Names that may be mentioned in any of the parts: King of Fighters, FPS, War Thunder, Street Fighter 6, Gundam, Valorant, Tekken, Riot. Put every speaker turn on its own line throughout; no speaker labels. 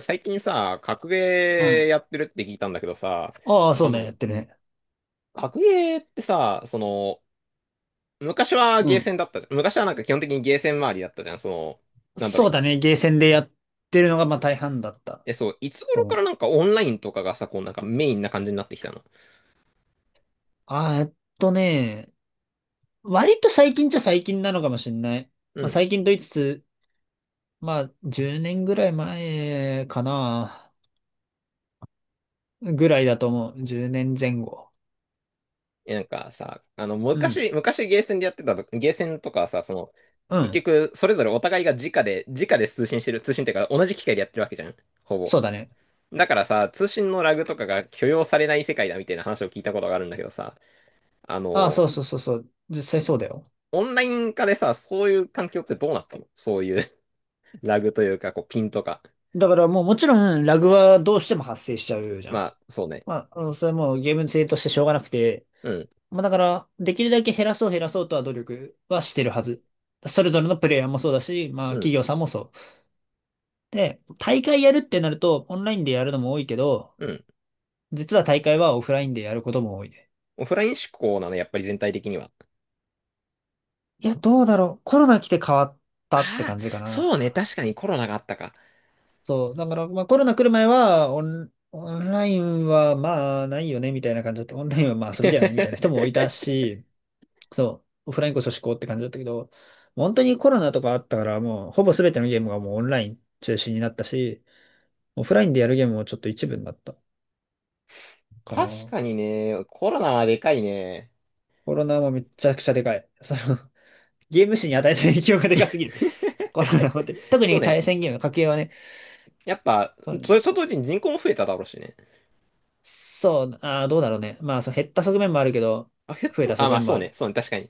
最近さ、格ゲ
う
ー
ん。
やってるって聞いたんだけどさ、
ああ、そう
あ
ね、
の、
やってるね。
格ゲーってさ、昔は
う
ゲー
ん。
センだったじゃん。昔はなんか基本的にゲーセン周りだったじゃん。なんだろ
そう
う。
だね、ゲーセンでやってるのがまあ大半だった
え、そう、いつ
と
頃
思
から
う。
なんかオンラインとかがさ、こうなんかメインな感じになってきたの？
あー、えっとね、割と最近っちゃ最近なのかもしれない。
う
まあ
ん。
最近と言いつつ、まあ10年ぐらい前かな、ぐらいだと思う。10年前後。
え、なんかさ、
うん。
昔ゲーセンでやってたと、ゲーセンとかはさ、
う
結
ん。
局、それぞれお互いが直で通信してる、通信っていうか同じ機械でやってるわけじゃん。ほぼ。
そうだね。
だからさ、通信のラグとかが許容されない世界だみたいな話を聞いたことがあるんだけどさ、あ
ああ、
の、
そうそうそうそう。実際そうだよ。
オンライン化でさ、そういう環境ってどうなったの？そういう ラグというか、こう、ピンとか。
だからもうもちろんラグはどうしても発生しちゃうじゃん。
まあ、そうね。
まあ、それはもうゲーム性としてしょうがなくて、
うん、
まあだから、できるだけ減らそう減らそうとは努力はしてるはず。それぞれのプレイヤーもそうだし、まあ
う
企
ん、
業さんもそう。で、大会やるってなると、オンラインでやるのも多いけど、
うん。
実は大会はオフラインでやることも多いね。
オフライン志向なの、やっぱり全体的には？
いや、どうだろう。コロナ来て変わったって
ああ、
感じか
そうね。
な。
確かにコロナがあったか。
そう。だから、まあコロナ来る前は、オンラインはまあないよね、みたいな感じだって、オンラインはまあ遊びだよね、みたいな人もい たし、そう、オフラインこそ至高って感じだったけど、本当にコロナとかあったから、もうほぼ全てのゲームがもうオンライン中心になったし、オフラインでやるゲームもちょっと一部になったか
確
な。
かにね、コロナはでかいね。
コロナもめちゃくちゃでかい。ゲーム史に与えた影響がでかすぎる。コロナ、本当に。特
そう
に
ね。
対戦ゲーム、家計はね。
やっぱ、
う
それ
ん。
と同時に人口も増えただろうしね。
そう、どうだろうね。まあ、そう、減った側面もあるけど、
あ、減っ
増え
た
た
あ、
側
まあ
面も
そう
あ
ね。
る。
そうね。確かに。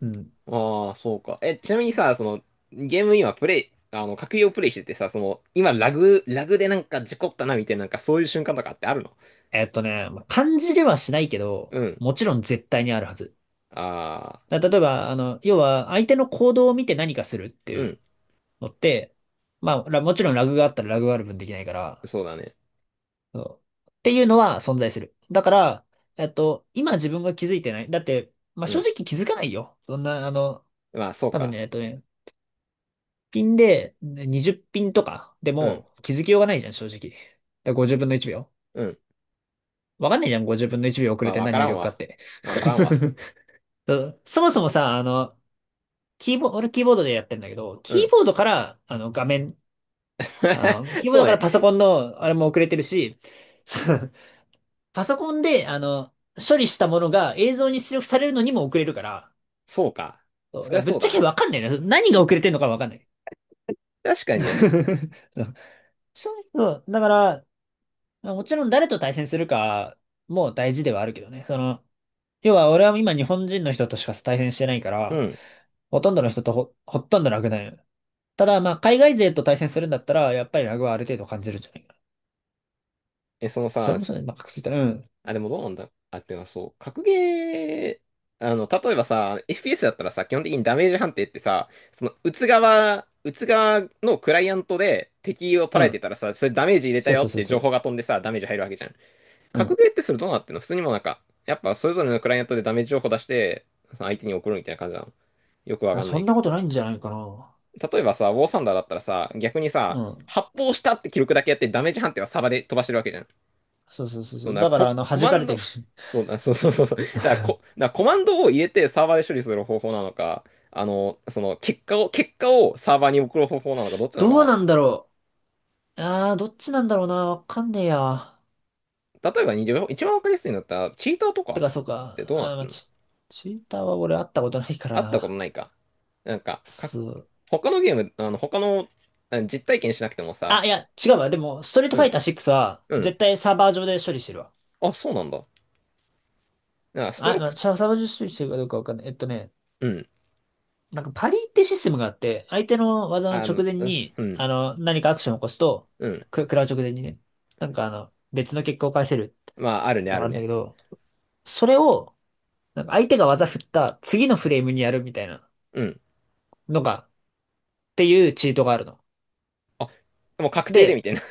うん。
ああ、そうか。え、ちなみにさ、ゲーム今プレイ、格ゲーをプレイしててさ、今ラグでなんか事故ったなみたいな、なんかそういう瞬間とかってあるの？
まあ感じではしないけど、
うん。
もちろん絶対にあるはず。
ああ、
例えば、要は、相手の行動を見て何かするって
う
いう
ん。
のって、まあ、もちろんラグがあったらラグがある分できないから、
そうだね。
そうっていうのは存在する。だから、今自分が気づいてない。だって、まあ、
う
正
ん。
直気づかないよ。そんな、
まあ、そう
多分
か。
ね、ピンでね20ピンとかで
うん。
も気づきようがないじゃん、正直。だから50分の1秒。
うん。
わかんないじゃん、50分の1秒遅れ
まあ、
て
わ
何
か
入
らん
力か
わ。
って。
わからんわ。
そう、そもそもさ、キーボード、俺キーボードでやってんだけど、
う
キー
ん。
ボードから、画面、キーボー
そ
ド
う
か
ね。
らパソコンの、あれも遅れてるし、そう、パソコンで、処理したものが映像に出力されるのにも遅れるから、
そうか。
そう、
そ
だ
り
か
ゃ
らぶっ
そう
ちゃ
だ
け
ね。
わかんないね。何が遅れてんのかわかんない。
確かにね。
そう、正直そうだから、もちろん誰と対戦するかも大事ではあるけどね。要は俺は今日本人の人としか対戦してないか
う
ら、
ん。
ほとんどの人とほとんどなくないの。ただ、まあ、海外勢と対戦するんだったら、やっぱりラグはある程度感じるんじゃないかな。
え、その
あそれ
さ、
もそうね。まあ、確実に。うん。
あ、でもどうなんだあ、てかそう、格ゲー、例えばさ、FPS だったらさ、基本的にダメージ判定ってさ、撃つ側のクライアントで敵を捉
う
えて
ん。
たらさ、それダメージ入れた
そう
よ
そう
っ
そう
て
そ
情報
う。
が飛んでさ、ダメージ入るわけじゃん。
う
格
ん。
ゲーってそれどうなってんの？普通にもうなんか、やっぱそれぞれのクライアントでダメージ情報出して、その相手に送るみたいな感じなの？よくわ
あ、
かんな
そん
いけ
なことないんじゃないかな。
ど。例えばさ、ウォーサンダーだったらさ、逆に
う
さ、
ん。
発砲したって記録だけやってダメージ判定はサバで飛ばしてるわけじゃん。
そうそうそうそ
そう
う。
な、
だから、
コ
弾
マ
か
ン
れてる
ド、
し。
そうな、そうそうそうそう。だからだからコマンドを入れてサーバーで処理する方法なのか、その結果をサーバーに送る方法なのか、ど っちなの
どう
か
なんだろう。ああ、どっちなんだろうな。わかんねえや。
な。例えばにじゅう、一番わかりやすいんだったら、チーターと
て
か
か、そう
っ
か。
てどうなっ
ま
て
あ、
んの？
チーターは俺会ったことないから
あったこと
な。
ないか。なんか、
そう。
他のゲーム、あの、他の、あの実体験しなくてもさ、
あ、いや、違うわ。でも、ストリート
う
ファ
ん、
イター6は、
うん、
絶対サーバー上で処理してるわ。
あ、そうなんだ。なんかスト
あ、
ロー
ま
ク、
あ、サーバー上で処理してるかどうかわかんない。
うん、
なんかパリってシステムがあって、相手の技の直前
うす
に、
うん、
何かアクションを起こすと、
うん、
食らう直前にね、なんか別の結果を返せるっ
まあ、ある
てい
ね、
うの
あ
があ
る
るんだけ
ね。
ど、それを、なんか相手が技振った次のフレームにやるみたいな
うん。
のが、っていうチートがあるの。
あ、もう確定で
で、
みたいな。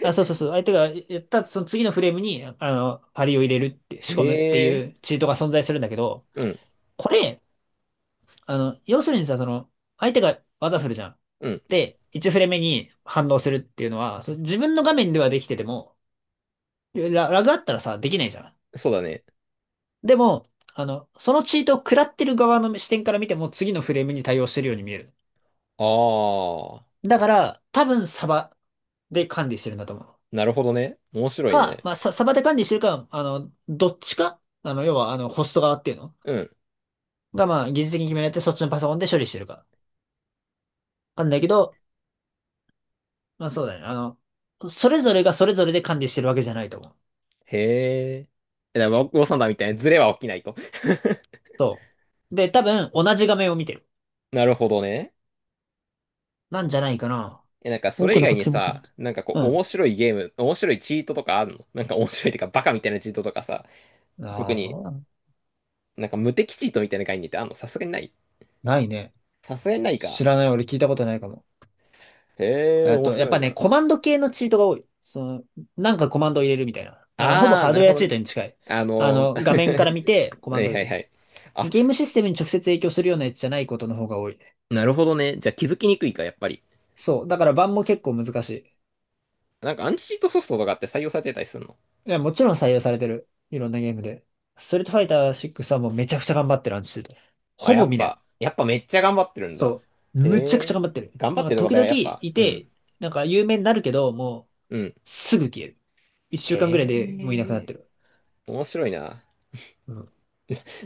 あ、そうそうそう、相手がやったその次のフレームに、パリを入れるっ て、
へ
仕込むってい
え。
うチートが存在するんだけど、
うん。
これ、要するにさ、相手が技振るじゃん。
うん。
で、1フレ目に反応するっていうのは、自分の画面ではできてても、ラグあったらさ、できないじゃん。
そうだね。
でも、そのチートを食らってる側の視点から見ても、次のフレームに対応してるように見える。
ああ、
だから、多分サバで管理してるんだと思う。
なるほどね。面白い
ま
ね。
あ、サバで管理してるか、どっちか、要は、ホスト側っていうの
うん。
が、まあ、技術的に決められて、そっちのパソコンで処理してるか。なんだけど、まあそうだね。それぞれがそれぞれで管理してるわけじゃないと思う。
へえ。え、だからウォウサンダーみたいなズレは起きないと。
そう。で、多分同じ画面を見てる。
なるほどね。
なんじゃないかな。
え、なんかそ
多
れ
く
以
の
外
書
に
きもそうな
さ、
んだ。
なんかこう
う
面白いゲーム、面白いチートとかあるの？なんか面白いってかバカみたいなチートとかさ、
ん。
特
ああ、
に
な
なんか無敵チートみたいな概念ってあんの？さすがにない？
ないね。
さすがにない
知
か。
らない。俺聞いたことないかも。
へえ、面
やっ
白
ぱ
い
ね、
な。
コマンド系のチートが多い。なんかコマンドを入れるみたいな。ほぼ
ああ、
ハー
な
ドウ
る
ェ
ほ
ア
ど
チー
ね。
トに近い。
あの、
画面から見てコマ
は
ンド
い
を入
はい
れ
は
る。
い。あ、
ゲームシステムに直接影響するようなやつじゃないことの方が多いね。
なるほどね。じゃあ気づきにくいか、やっぱり。
そう。だから版も結構難しい。
なんかアンチチートソフトとかって採用されてたりするの？
いや、もちろん採用されてる。いろんなゲームで。ストリートファイター6はもうめちゃくちゃ頑張ってる話してた。
あ、
ほ
や
ぼ
っ
見ない。
ぱ、やっぱめっちゃ頑張ってるんだ。
そう。
へ
むちゃくちゃ
え。
頑張ってる。
頑張
なん
って
か
るとこ
時
だよ、
々
やっぱ。
い
う
て、
ん。
なんか有名になるけど、も
うん。
うすぐ消える。一週間ぐ
へ
らいでもういなくなっ
え。
てる。
面白いな。
うん。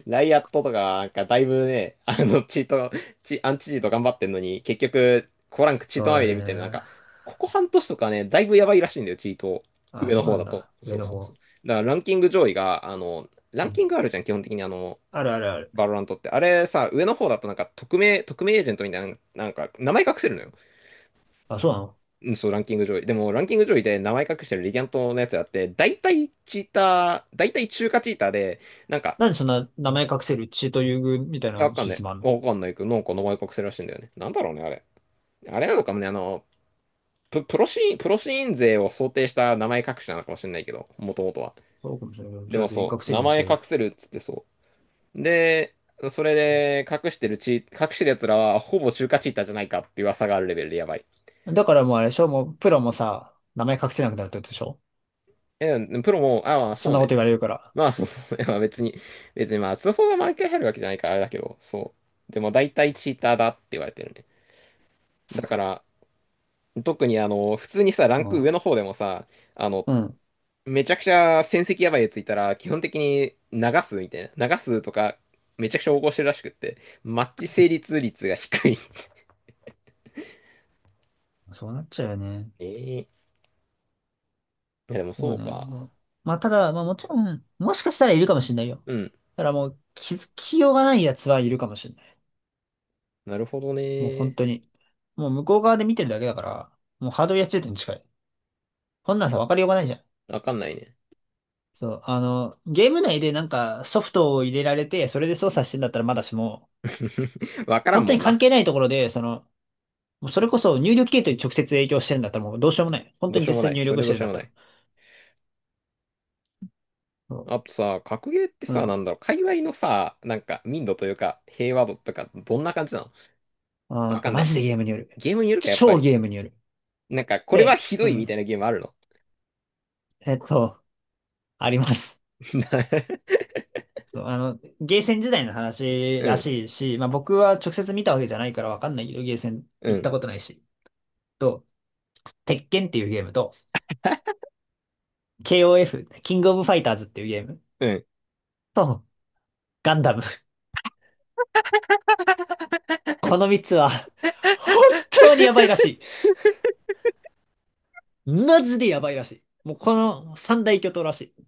ライアットとか、なんかだいぶね、チート、チ、アンチチート頑張ってんのに、結局、コランクチート
そう
ま
だ
みれみたいな、なんか、
ね。
ここ半年とかね、だいぶやばいらしいんだよ、チート。
あ、
上の
そうな
方
ん
だと。
だ。上
そう
の
そうそ
方。
う。だからランキング上位が、ラ
う
ンキ
ん。
ングあるじゃん、基本的に
あるあるある。
バロラントって。あれさ、上の方だとなんか、匿名エージェントみたいな、なんか、名前隠せるのよ。
あ、そうなの？
うん、そう、ランキング上位。でも、ランキング上位で名前隠してるレギャントのやつがあって、大体チーター、大体中華チーターで、なんか、
なんでそんな名前隠せるチート優遇みたい
いや
な
わかん
シ
な
ステ
い。
ムあんの？
わかんないけど、なんか名前隠せるらしいんだよね。なんだろうね、あれ。あれなのかもね、プロシーン勢を想定した名前隠しなのかもしれないけど、もともとは。
そうかもしれないけど、
で
じゃあ
も
全員
そ
隠
う、
せる
名
ように
前
しりゃいい
隠せるっつってそう。で、それで隠してる隠してる奴らは、ほぼ中華チーターじゃないかっていう噂があるレベルでやばい。
や。だからもうあれでしょ？もうプロもさ、名前隠せなくなるってことでしょ？
え、プロも、ああ、
そん
そう
なこと
ね。
言われるから。
まあ、そうそう、いやまあ別にまあ、通報が毎回入るわけじゃないからあれだけど、そう。でも大体チーターだって言われてるね。だから、特に普通にさ、ラ
う
ンク上の
ん。
方でもさ、あの、
うん。
めちゃくちゃ戦績やばいやついたら、基本的に流すみたいな。流すとか、めちゃくちゃ横行してるらしくって、マッチ成立率が低い。
そうなっちゃうよね。
ええいや、でも
そ
そ
う
う
ね。ま
か。
あ、まあただ、まあもちろん、もしかしたらいるかもしれないよ。
うん。
ただもう気づきようがないやつはいるかもしれない。
なるほど
もう本
ね。
当に。もう向こう側で見てるだけだから、もうハードルや中点に近い。こんなんさ、わかりようがないじゃん。
わかんないね。
そう、ゲーム内でなんかソフトを入れられて、それで操作してんだったらまだしも、
わから
本
ん
当
も
に
ん
関
な。
係ないところで、もうそれこそ入力系統に直接影響してるんだったらもうどうしようもない。本
ど
当
う
に
しよ
実
うも
際
な
に
い。
入
そ
力
れ
し
ど
て
う
る
し
ん
よ
だっ
うも
た
な
ら。
い。あ
そ
とさ、格ゲーって
う。う
さ、
ん。
なんだろう、界隈のさ、なんか、民度というか、平和度とか、どんな感じなの？
あー
わ
っ
か
と、
んな
マ
い。
ジでゲームによる。
ゲームによるか、やっぱ
超
り。
ゲームによる。
なんか、これは
で、
ひど
う
いみたい
ん。
なゲームあるの？
えっと、あります。そう、ゲーセン時代の話
う
ら
ん、
しいし、まあ僕は直接見たわけじゃないからわかんないけど、ゲーセン
う
行っ
ん、
たことないし。と、鉄拳っていうゲームと、KOF、キングオブファイターズっていうゲーム
うん。
と、ガンダム。この3つは、本当にやばいらしい。マジでやばいらしい。もうこの三大巨頭らしい。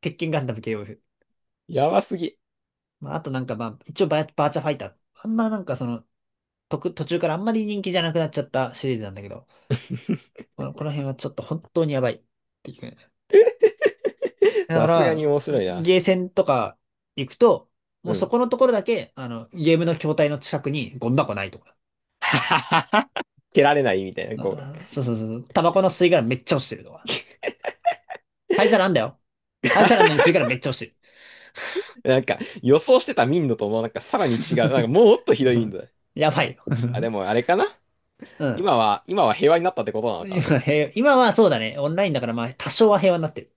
鉄拳ガンダム KOF。
やばすぎ。
まあ、あとなんかまあ、一応バーチャファイター。あんまなんかその、途中からあんまり人気じゃなくなっちゃったシリーズなんだけど、この辺はちょっと本当にやばいっていうね。だ
さ
か
すがに
ら、
面白いな。
ゲーセンとか行くと、も
う
うそ
ん。
このところだけ、ゲームの筐体の近くにゴミ箱ないとか。
蹴られないみたいな、こ
あそうそうそうそう。タバコの吸い殻めっちゃ落ちてるとか。灰皿あんだよ。灰皿あんのに吸い殻めっちゃ落ちて
う。なんか、予想してた民度とも、なんか、さらに違う。なんか、もっとひ
る。
ど い
う
民
ん。
度だ。
やばいよ。
あ、でも、あ れかな？
うん。
今は平和になったってことなのかな？
今、平和今はそうだね。オンラインだからまあ多少は平和になってる。